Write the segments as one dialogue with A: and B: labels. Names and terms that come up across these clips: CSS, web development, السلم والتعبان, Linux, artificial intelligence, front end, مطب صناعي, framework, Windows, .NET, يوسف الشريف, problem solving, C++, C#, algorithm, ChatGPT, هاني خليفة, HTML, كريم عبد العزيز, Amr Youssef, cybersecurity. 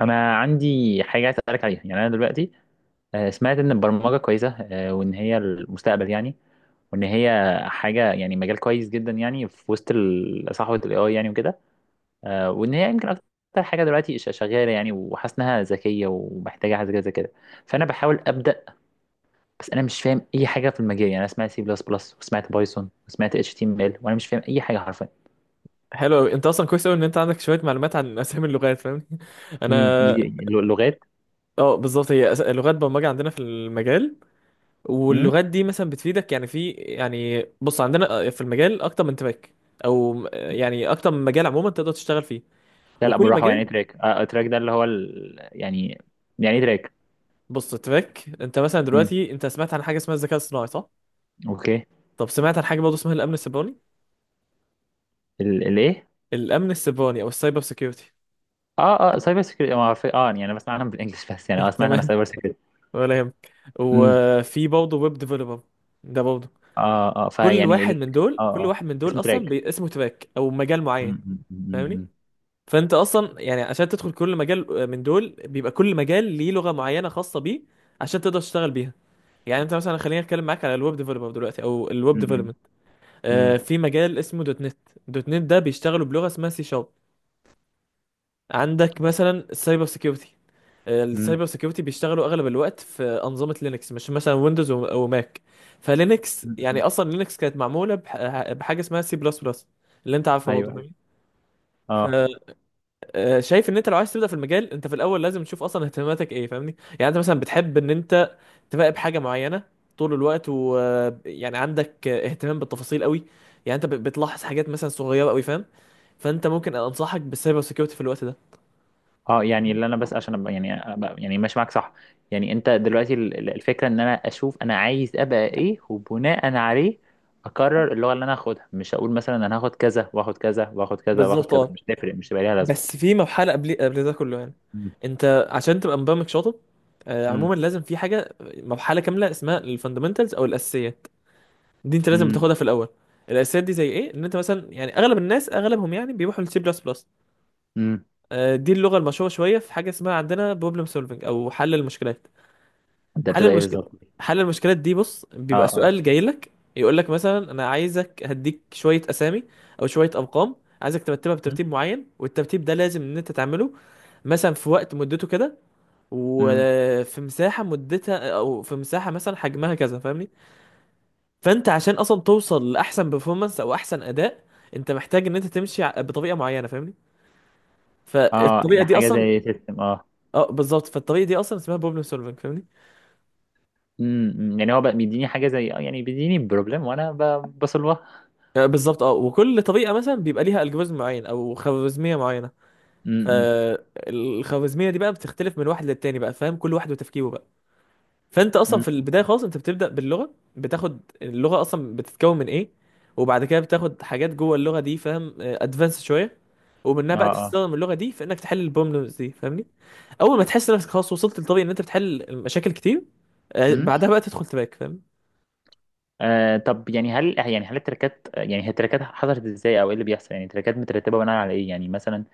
A: انا عندي حاجه عايز اسالك عليها، يعني انا دلوقتي سمعت ان البرمجه كويسه، وان هي المستقبل يعني، وان هي حاجه يعني مجال كويس جدا يعني، في وسط صحوه الاي اي يعني، وكده. وان هي يمكن اكتر حاجه دلوقتي شغاله يعني، وحاسس انها ذكيه ومحتاجه حاجه زي كده. فانا بحاول ابدا، بس انا مش فاهم اي حاجه في المجال. يعني انا سمعت سي بلس بلس، وسمعت بايثون، وسمعت اتش تي ام ال، وانا مش فاهم اي حاجه حرفيا.
B: حلو قوي. انت اصلا كويس قوي ان انت عندك شويه معلومات عن اسامي اللغات، فاهمني؟
A: امم،
B: انا
A: دي لغات.
B: اه، بالظبط، هي لغات برمجه عندنا في المجال.
A: امم.
B: واللغات دي مثلا بتفيدك، يعني في يعني بص، عندنا في المجال اكتر من تراك، او يعني اكتر من مجال عموما تقدر تشتغل فيه.
A: لا لا،
B: وكل
A: بالراحه. يعني
B: مجال،
A: تراك، تراك ده اللي هو يعني، يعني إيه تراك؟
B: بص، تراك. انت مثلا
A: امم.
B: دلوقتي انت سمعت عن حاجه اسمها الذكاء الصناعي، صح؟
A: اوكي.
B: طب سمعت عن حاجه برضه اسمها الامن السيبراني؟
A: الايه؟
B: الامن السيبراني او السايبر سيكيورتي.
A: اه اه، سايبر سكيورتي. يعني انا بسمع عنها بالانجلش بس. يعني سمعت انا
B: تمام،
A: سايبر سكيورتي.
B: ولا يهمك.
A: امم.
B: وفي برضه ويب ديفلوبر، ده برضه.
A: اه اه،
B: كل
A: فيعني
B: واحد من دول
A: اه
B: كل
A: اه،
B: واحد من دول
A: اسمه
B: اصلا
A: تراك.
B: اسمه تراك او مجال معين،
A: امم.
B: فاهمني؟
A: امم.
B: فانت اصلا يعني عشان تدخل كل مجال من دول، بيبقى كل مجال ليه لغه معينه خاصه بيه، عشان تقدر تشتغل بيها. يعني انت مثلا، خليني اتكلم معاك على الويب ديفلوبر دلوقتي او الويب
A: امم.
B: ديفلوبمنت، آه،
A: امم.
B: في مجال اسمه دوت نت. دوت نت ده بيشتغلوا بلغه اسمها سي شارب. عندك مثلا السايبر سيكيورتي،
A: امم.
B: السايبر سيكيورتي بيشتغلوا اغلب الوقت في انظمه لينكس، مش مثلا ويندوز وماك. فلينكس يعني،
A: امم.
B: اصلا لينكس كانت معموله بحاجه اسمها سي بلس بلس، اللي انت عارفها
A: ايوه
B: برضه،
A: ايوه.
B: فاهمني؟
A: اه
B: فشايف ان انت لو عايز تبدا في المجال، انت في الاول لازم تشوف اصلا اهتماماتك ايه، فاهمني؟ يعني انت مثلا بتحب ان انت تراقب حاجه معينه طول الوقت، ويعني عندك اهتمام بالتفاصيل قوي، يعني انت بتلاحظ حاجات مثلا صغيره قوي، فاهم؟ فانت ممكن انصحك بالسايبر سيكيورتي في الوقت ده.
A: اه. يعني اللي انا بس عشان ابقى، يعني أبقى يعني ماشي معاك، صح؟ يعني انت دلوقتي، الفكره ان انا اشوف انا عايز ابقى ايه، وبناء عليه اقرر اللغه اللي انا هاخدها. مش هقول مثلا انا هاخد كذا واخد كذا واخد كذا واخد
B: بالظبط
A: كذا،
B: اه،
A: مش تفرق، مش هيبقى ليها
B: بس
A: لازمه.
B: في مرحلة قبل ده كله يعني.
A: امم.
B: انت عشان تبقى مبرمج شاطر، عموما لازم في حاجة مرحلة كاملة اسمها الفاندمنتالز او الاساسيات. دي انت لازم
A: امم.
B: بتاخدها في الاول. الاساسيات دي زي ايه؟ ان انت مثلا، يعني اغلب الناس اغلبهم يعني بيروحوا للسي بلس بلس.
A: امم.
B: دي اللغة المشهورة شوية. في حاجة اسمها عندنا بروبلم سولفنج او حل المشكلات.
A: انت
B: حل
A: بتبقى ايه
B: المشكلة،
A: بالظبط؟
B: حل المشكلات دي، بص،
A: اه
B: بيبقى
A: اه.
B: سؤال جاي لك يقول لك مثلا: انا عايزك هديك شوية اسامي او شوية ارقام، عايزك ترتبها
A: مم.
B: بترتيب معين، والترتيب ده لازم ان انت تعمله مثلا في وقت مدته كده،
A: امم.
B: وفي مساحه مدتها، او في مساحه مثلا حجمها كذا، فاهمني؟ فانت عشان اصلا توصل لاحسن بيرفورمانس او احسن اداء، انت محتاج ان انت تمشي بطريقه معينه، فاهمني؟
A: اه،
B: فالطريقه
A: يعني
B: دي
A: حاجة
B: اصلا،
A: زي سيستم. اه
B: اه بالظبط، فالطريقه دي اصلا اسمها بروبلم سولفنج، فاهمني؟
A: امم. أمم. يعني هو بقى بيديني حاجه زي، يعني بيديني بروبلم وانا بصلها.
B: بالظبط اه. وكل طريقه مثلا بيبقى ليها الجوريزم معين او خوارزميه معينه.
A: امم.
B: فالخوارزميه دي بقى بتختلف من واحد للتاني بقى، فاهم؟ كل واحد وتفكيره بقى. فانت اصلا
A: امم.
B: في البدايه خالص، انت بتبدا باللغه، بتاخد اللغه اصلا بتتكون من ايه، وبعد كده بتاخد حاجات جوه اللغه دي، فاهم؟ ادفانس شويه، ومنها
A: اه
B: بقى
A: اه.
B: تستخدم اللغه دي في انك تحل البروبلمز دي، فاهمني؟ اول ما تحس نفسك خلاص وصلت لطبيعي ان انت بتحل مشاكل كتير،
A: امم.
B: بعدها بقى تدخل تباك، فاهم؟
A: طب، يعني هل، يعني هل التراكات، يعني هي التراكات حصلت ازاي، او ايه اللي بيحصل؟ يعني التراكات مترتبه بناء على ايه؟ يعني مثلا،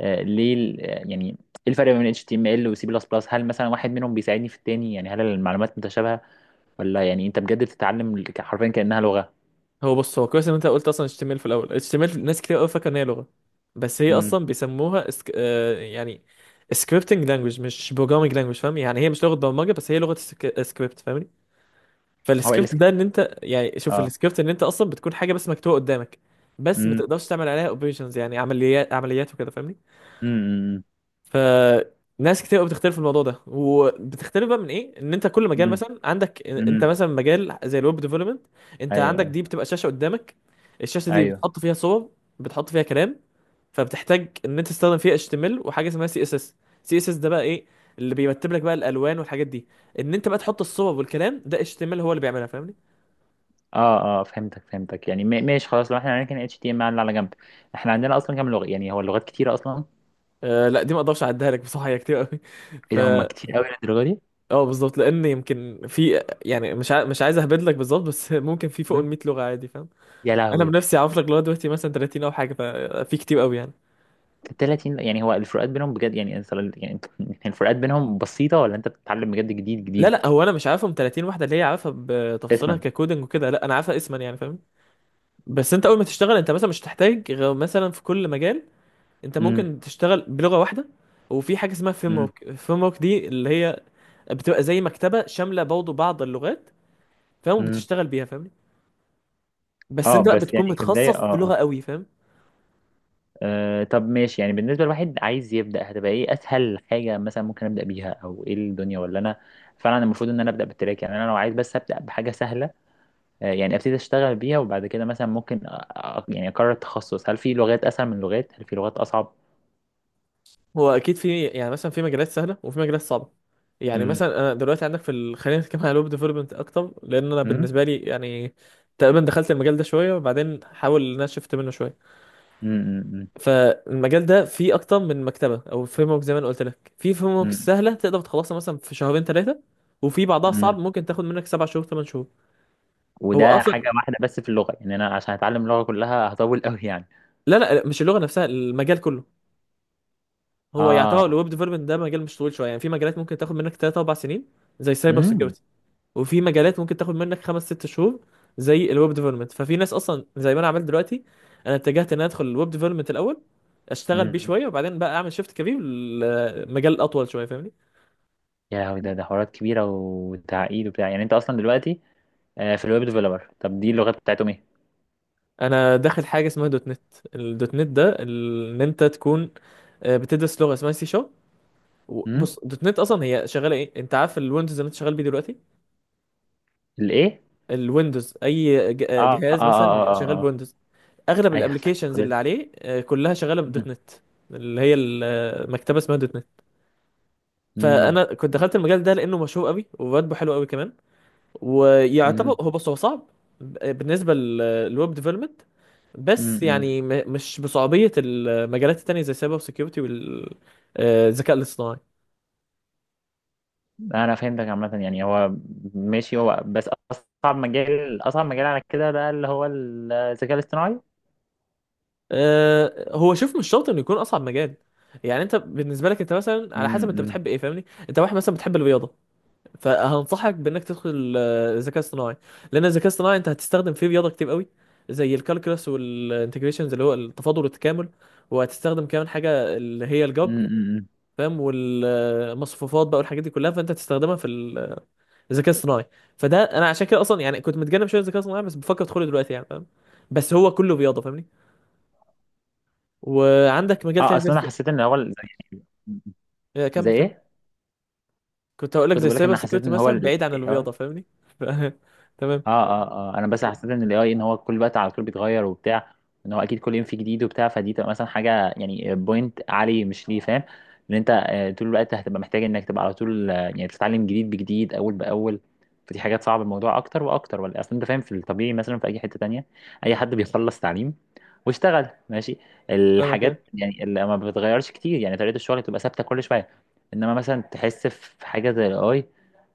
A: آه ليه ال- آه، يعني ايه الفرق بين اتش تي ام ال وسي بلس بلس؟ هل مثلا واحد منهم بيساعدني في التاني؟ يعني هل المعلومات متشابهه، ولا يعني انت بجد بتتعلم حرفيا كانها لغه؟
B: هو بص، هو كويس ان انت قلت اصلا HTML في الاول. HTML ناس كتير قوي فاكره ان هي لغه، بس هي
A: امم.
B: اصلا بيسموها اسك... آه، يعني سكريبتنج لانجوج مش بروجرامنج لانجوج، فاهم؟ يعني هي مش لغه برمجه، بس هي لغه سكريبت، فاهم؟
A: هو ايه
B: فالسكريبت ده
A: السكريبت؟
B: ان انت يعني، شوف،
A: اه.
B: السكريبت ان انت اصلا بتكون حاجه بس مكتوبه قدامك، بس ما
A: امم.
B: تقدرش تعمل عليها اوبريشنز يعني عمليات وكده، فاهمني؟
A: امم.
B: فناس كتير قوي بتختلف في الموضوع ده، وبتختلف بقى من ايه؟ ان انت كل مجال،
A: امم.
B: مثلا عندك انت
A: امم.
B: مثلا مجال زي الويب ديفلوبمنت، انت
A: ايوه
B: عندك
A: ايوه
B: دي بتبقى شاشه قدامك. الشاشه دي
A: ايوه.
B: بتحط فيها صور، بتحط فيها كلام، فبتحتاج ان انت تستخدم فيها HTML وحاجه اسمها سي اس اس. سي اس اس ده بقى ايه؟ اللي بيرتب لك بقى الالوان والحاجات دي. ان انت بقى تحط الصور والكلام، ده HTML هو اللي بيعملها، فاهمني؟
A: اه اه، فهمتك فهمتك. يعني ماشي خلاص، لو احنا هنركن اتش تي ام ال على جنب، احنا عندنا اصلا كام لغه؟ يعني هو اللغات كتيره اصلا؟
B: آه لا، دي ما اقدرش اعدها لك بصراحه، هي كتير قوي.
A: ايه
B: ف
A: ده، هم كتير قوي للدرجه دي؟
B: اه، بالظبط، لان يمكن في يعني، مش عايز اهبد لك بالظبط، بس ممكن في فوق ال
A: مم.
B: 100 لغه عادي، فاهم؟
A: يا
B: انا
A: لهوي.
B: بنفسي اعرف لك لغايه دلوقتي مثلا 30 او حاجه، ففي كتير قوي يعني.
A: 30؟ يعني هو الفروقات بينهم بجد، يعني انت يعني الفروقات بينهم بسيطه، ولا انت بتتعلم بجد جديد
B: لا
A: جديد؟
B: لا هو انا مش عارفهم 30 واحده اللي هي عارفها بتفاصيلها
A: اسما.
B: ككودنج وكده، لا، انا عارفها اسما يعني، فاهم؟ بس انت اول ما تشتغل، انت مثلا مش هتحتاج غير مثلا في كل مجال انت
A: امم.
B: ممكن تشتغل بلغه واحده. وفي حاجه اسمها فريم
A: امم.
B: ورك. الفريم ورك دي اللي هي بتبقى زي مكتبه شامله برضه بعض اللغات، فاهم؟
A: امم.
B: وبتشتغل بيها، فاهم؟ بس
A: اه،
B: انت بقى
A: بس
B: بتكون
A: يعني كبدايه. اه
B: متخصص في لغه
A: آه.
B: قوي، فاهم؟
A: أه طب ماشي، يعني بالنسبة لواحد عايز يبدأ، هتبقى ايه أسهل حاجة مثلا ممكن أبدأ بيها، أو ايه الدنيا؟ ولا أنا فعلا المفروض إن أنا أبدأ بالتراك؟ يعني أنا لو عايز بس أبدأ بحاجة سهلة، أه يعني أبتدي أشتغل بيها، وبعد كده مثلا ممكن يعني أقرر التخصص. هل في لغات أسهل من لغات؟ هل في لغات أصعب؟
B: هو اكيد في يعني، مثلا في مجالات سهله وفي مجالات صعبه. يعني
A: امم.
B: مثلا انا دلوقتي عندك في خلينا نتكلم على الويب ديفلوبمنت اكتر، لان انا
A: امم.
B: بالنسبه لي يعني تقريبا دخلت المجال ده شويه وبعدين حاول، ان انا شفت منه شويه.
A: امم.
B: فالمجال ده فيه اكتر من مكتبه او فريم ورك. زي ما انا قلت لك، في فريم ورك
A: امم.
B: سهله تقدر تخلصها مثلا في شهرين ثلاثه، وفي بعضها صعب
A: امم.
B: ممكن تاخد منك سبع شهور ثمان شهور. هو
A: وده حاجة
B: اصلا،
A: واحدة بس في اللغة، يعني أنا عشان أتعلم اللغة كلها هطول أوي يعني.
B: لا لا، مش اللغه نفسها، المجال كله. هو يعتبر
A: آه.
B: الويب ديفلوبمنت ده مجال مش طويل شويه، يعني في مجالات ممكن تاخد منك 3 4 سنين زي سايبر
A: امم.
B: سيكيورتي، وفي مجالات ممكن تاخد منك 5 6 شهور زي الويب ديفلوبمنت. ففي ناس اصلا زي ما انا عملت دلوقتي، انا اتجهت ان انا ادخل الويب ديفلوبمنت الاول، اشتغل بيه
A: امم.
B: شويه وبعدين بقى اعمل شيفت كبير لمجال اطول شويه، فاهمني؟
A: يا لهوي، ده حوارات كبيرة وتعقيد وبتاع. يعني أنت أصلا دلوقتي، في الويب ديفلوبر، طب دي اللغات بتاعتهم ايه؟
B: انا داخل حاجه اسمها دوت نت. الدوت نت ده ان انت تكون بتدرس لغه اسمها سي شارب.
A: امم.
B: بص، دوت نت اصلا هي شغاله ايه؟ انت عارف الويندوز اللي انت شغال بيه دلوقتي؟
A: الايه؟
B: الويندوز، اي
A: اه اه
B: جهاز
A: اه اه
B: مثلا شغال
A: اه. آه.
B: بويندوز، اغلب
A: ايوه
B: الابلكيشنز اللي
A: حضرتك.
B: عليه كلها شغاله بدوت نت، اللي هي المكتبه اسمها دوت نت.
A: امم.
B: فانا كنت دخلت المجال ده لانه مشهور قوي وبراتبه حلو قوي كمان. ويعتبر
A: امم.
B: هو، بص، هو صعب بالنسبه للويب ديفلوبمنت، بس
A: امم.
B: يعني مش بصعوبيه المجالات التانيه زي السايبر سيكيورتي والذكاء الاصطناعي.
A: انا فهمتك عامه. يعني هو ماشي، هو بس اصعب مجال، اصعب مجال على كده بقى اللي هو الذكاء الاصطناعي؟
B: هو شوف، مش شرط انه يكون اصعب مجال. يعني انت بالنسبه لك، انت مثلا على حسب انت
A: امم.
B: بتحب ايه، فاهمني؟ انت واحد مثلا بتحب الرياضه، فهنصحك بانك تدخل الذكاء الاصطناعي. لان الذكاء الاصطناعي انت هتستخدم فيه رياضه كتير قوي، زي الكالكولس والانتجريشنز اللي هو التفاضل والتكامل. وهتستخدم كمان حاجه اللي هي الجبر،
A: امم.
B: فاهم؟ والمصفوفات بقى والحاجات دي كلها، فانت هتستخدمها في الذكاء الاصطناعي. فده انا عشان كده اصلا يعني كنت متجنب شويه الذكاء الاصطناعي، بس بفكر ادخله دلوقتي يعني، فاهم؟ بس هو كله رياضه، فاهمني؟ وعندك مجال
A: اه،
B: تاني زي
A: اصل انا حسيت ان هو زي.
B: آه،
A: زي
B: كمل كمل.
A: ايه؟
B: كنت هقول لك
A: كنت
B: زي
A: بقول لك ان
B: السايبر
A: أنا حسيت
B: سيكيورتي
A: ان هو
B: مثلا، بعيد عن الرياضه، فاهمني؟ ف... تمام.
A: اه اه اه، انا بس حسيت ان الاي اي، ان هو كل وقت على طول بيتغير وبتاع، ان هو اكيد كل يوم في جديد وبتاع. فدي تبقى مثلا حاجه يعني بوينت عالي، مش ليه؟ فاهم ان انت طول الوقت هتبقى محتاج انك تبقى على طول، يعني تتعلم جديد بجديد اول باول. فدي حاجات صعبه الموضوع اكتر واكتر، ولا؟ اصل انت فاهم، في الطبيعي مثلا في اي حته تانية، اي حد بيخلص تعليم واشتغل ماشي،
B: فاهمك إيه.
A: الحاجات يعني اللي ما بتتغيرش كتير، يعني طريقه الشغل بتبقى ثابته كل شويه. انما مثلا تحس في حاجه زي الاي،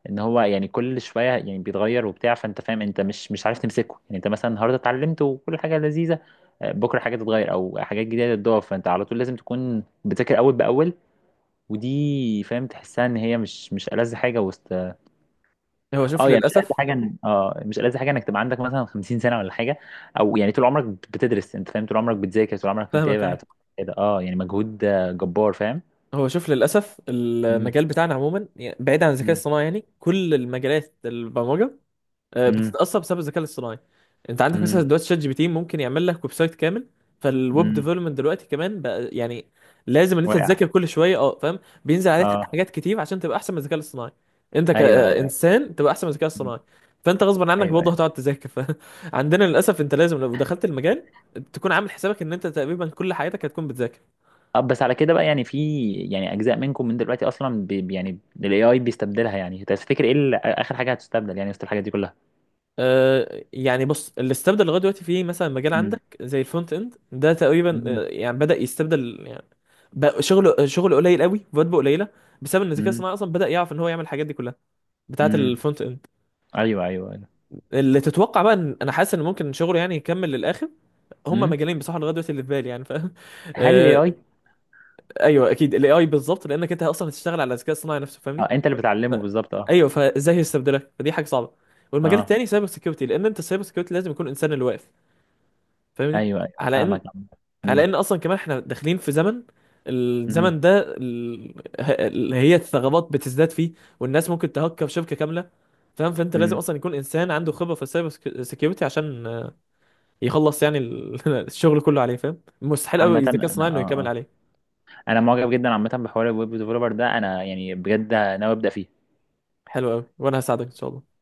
A: ان هو يعني كل شويه يعني بيتغير وبتاع، فانت فاهم، انت مش عارف تمسكه. يعني انت مثلا النهارده اتعلمت وكل حاجه لذيذه، بكره حاجه تتغير او حاجات جديده تضاف، فانت على طول لازم تكون بتذاكر اول باول. ودي فاهم، تحسها ان هي مش ألذ حاجه وسط.
B: هو شوف
A: اه يعني مش ألذ
B: للاسف،
A: حاجه ان، مش ألذ حاجه انك تبقى عندك مثلا 50 سنه ولا حاجه، او يعني طول عمرك بتدرس. انت فاهم، طول عمرك بتذاكر، طول عمرك
B: فاهمك
A: متابع، طول
B: ايه،
A: عمرك كده. اه يعني مجهود، جبار، فاهم؟
B: هو شوف للأسف
A: امم.
B: المجال بتاعنا عموما يعني بعيد عن الذكاء
A: امم.
B: الصناعي، يعني كل المجالات البرمجة
A: امم.
B: بتتأثر بسبب الذكاء الاصطناعي. أنت عندك مثلا دلوقتي شات جي بي تي ممكن يعمل لك ويب سايت كامل. فالويب
A: امم.
B: ديفلوبمنت دلوقتي كمان بقى يعني لازم إن أنت
A: واقع.
B: تذاكر كل شوية، أه فاهم؟ بينزل عليك
A: اه.
B: حاجات كتير عشان تبقى أحسن من الذكاء الاصطناعي، أنت
A: ايوه ايوه.
B: كإنسان تبقى أحسن من الذكاء
A: امم.
B: الاصطناعي. فأنت غصبا عنك
A: ايوه
B: برضه
A: ايوه.
B: هتقعد تذاكر، فعندنا للأسف أنت لازم لو دخلت المجال تكون عامل حسابك إن أنت تقريبا كل حياتك هتكون بتذاكر.
A: طب بس على كده بقى، يعني في، يعني اجزاء منكم من دلوقتي اصلا يعني الاي اي بيستبدلها. يعني تفتكر ايه اخر حاجه هتستبدل يعني وسط الحاجات دي كلها؟
B: يعني بص، اللي استبدل لغايه دلوقتي فيه مثلا مجال
A: مم.
B: عندك زي الفرونت اند، ده تقريبا
A: مم.
B: يعني بدأ يستبدل يعني، بقى شغله قليل قوي، فواتبه قليله، بسبب ان الذكاء
A: امم.
B: الصناعي اصلا بدأ يعرف ان هو يعمل الحاجات دي كلها بتاعه
A: امم.
B: الفرونت اند.
A: ايوه ايوه ايوه.
B: اللي تتوقع بقى، ان انا حاسس ان ممكن شغله يعني يكمل للاخر، هما
A: امم.
B: مجالين بصراحه لغايه دلوقتي اللي في بالي يعني، فاهم؟
A: هل الاي
B: آه،
A: اي؟
B: ايوه اكيد الاي اي بالظبط، لانك انت اصلا هتشتغل على الذكاء الصناعي نفسه، فاهمني؟
A: اه، انت اللي
B: ف-
A: بتعلمه بالظبط، اه.
B: ايوه فازاي هيستبدلك؟ فدي حاجه صعبه. والمجال
A: اه،
B: التاني سايبر سكيورتي، لان انت السايبر سكيورتي لازم يكون انسان اللي واقف، فاهمني؟
A: ايوه ايوه،
B: على
A: فاهمك.
B: ان على
A: امم.
B: ان اصلا كمان احنا داخلين في زمن،
A: امم.
B: الزمن ده اللي هي الثغرات بتزداد فيه، والناس ممكن تهكر شبكه كامله، فاهم؟ فانت لازم
A: امم.
B: اصلا يكون انسان عنده خبره في السايبر سكيورتي، عشان يخلص يعني الشغل كله عليه، فاهم؟ مستحيل قوي
A: عامه
B: الذكاء الصناعي
A: انا، اه
B: انه يكمل
A: اه
B: عليه.
A: انا معجب جدا عامه بحوار الويب ديفلوبر ده. انا يعني بجد ناوي ابدا فيه.
B: حلو قوي، وانا هساعدك ان شاء الله.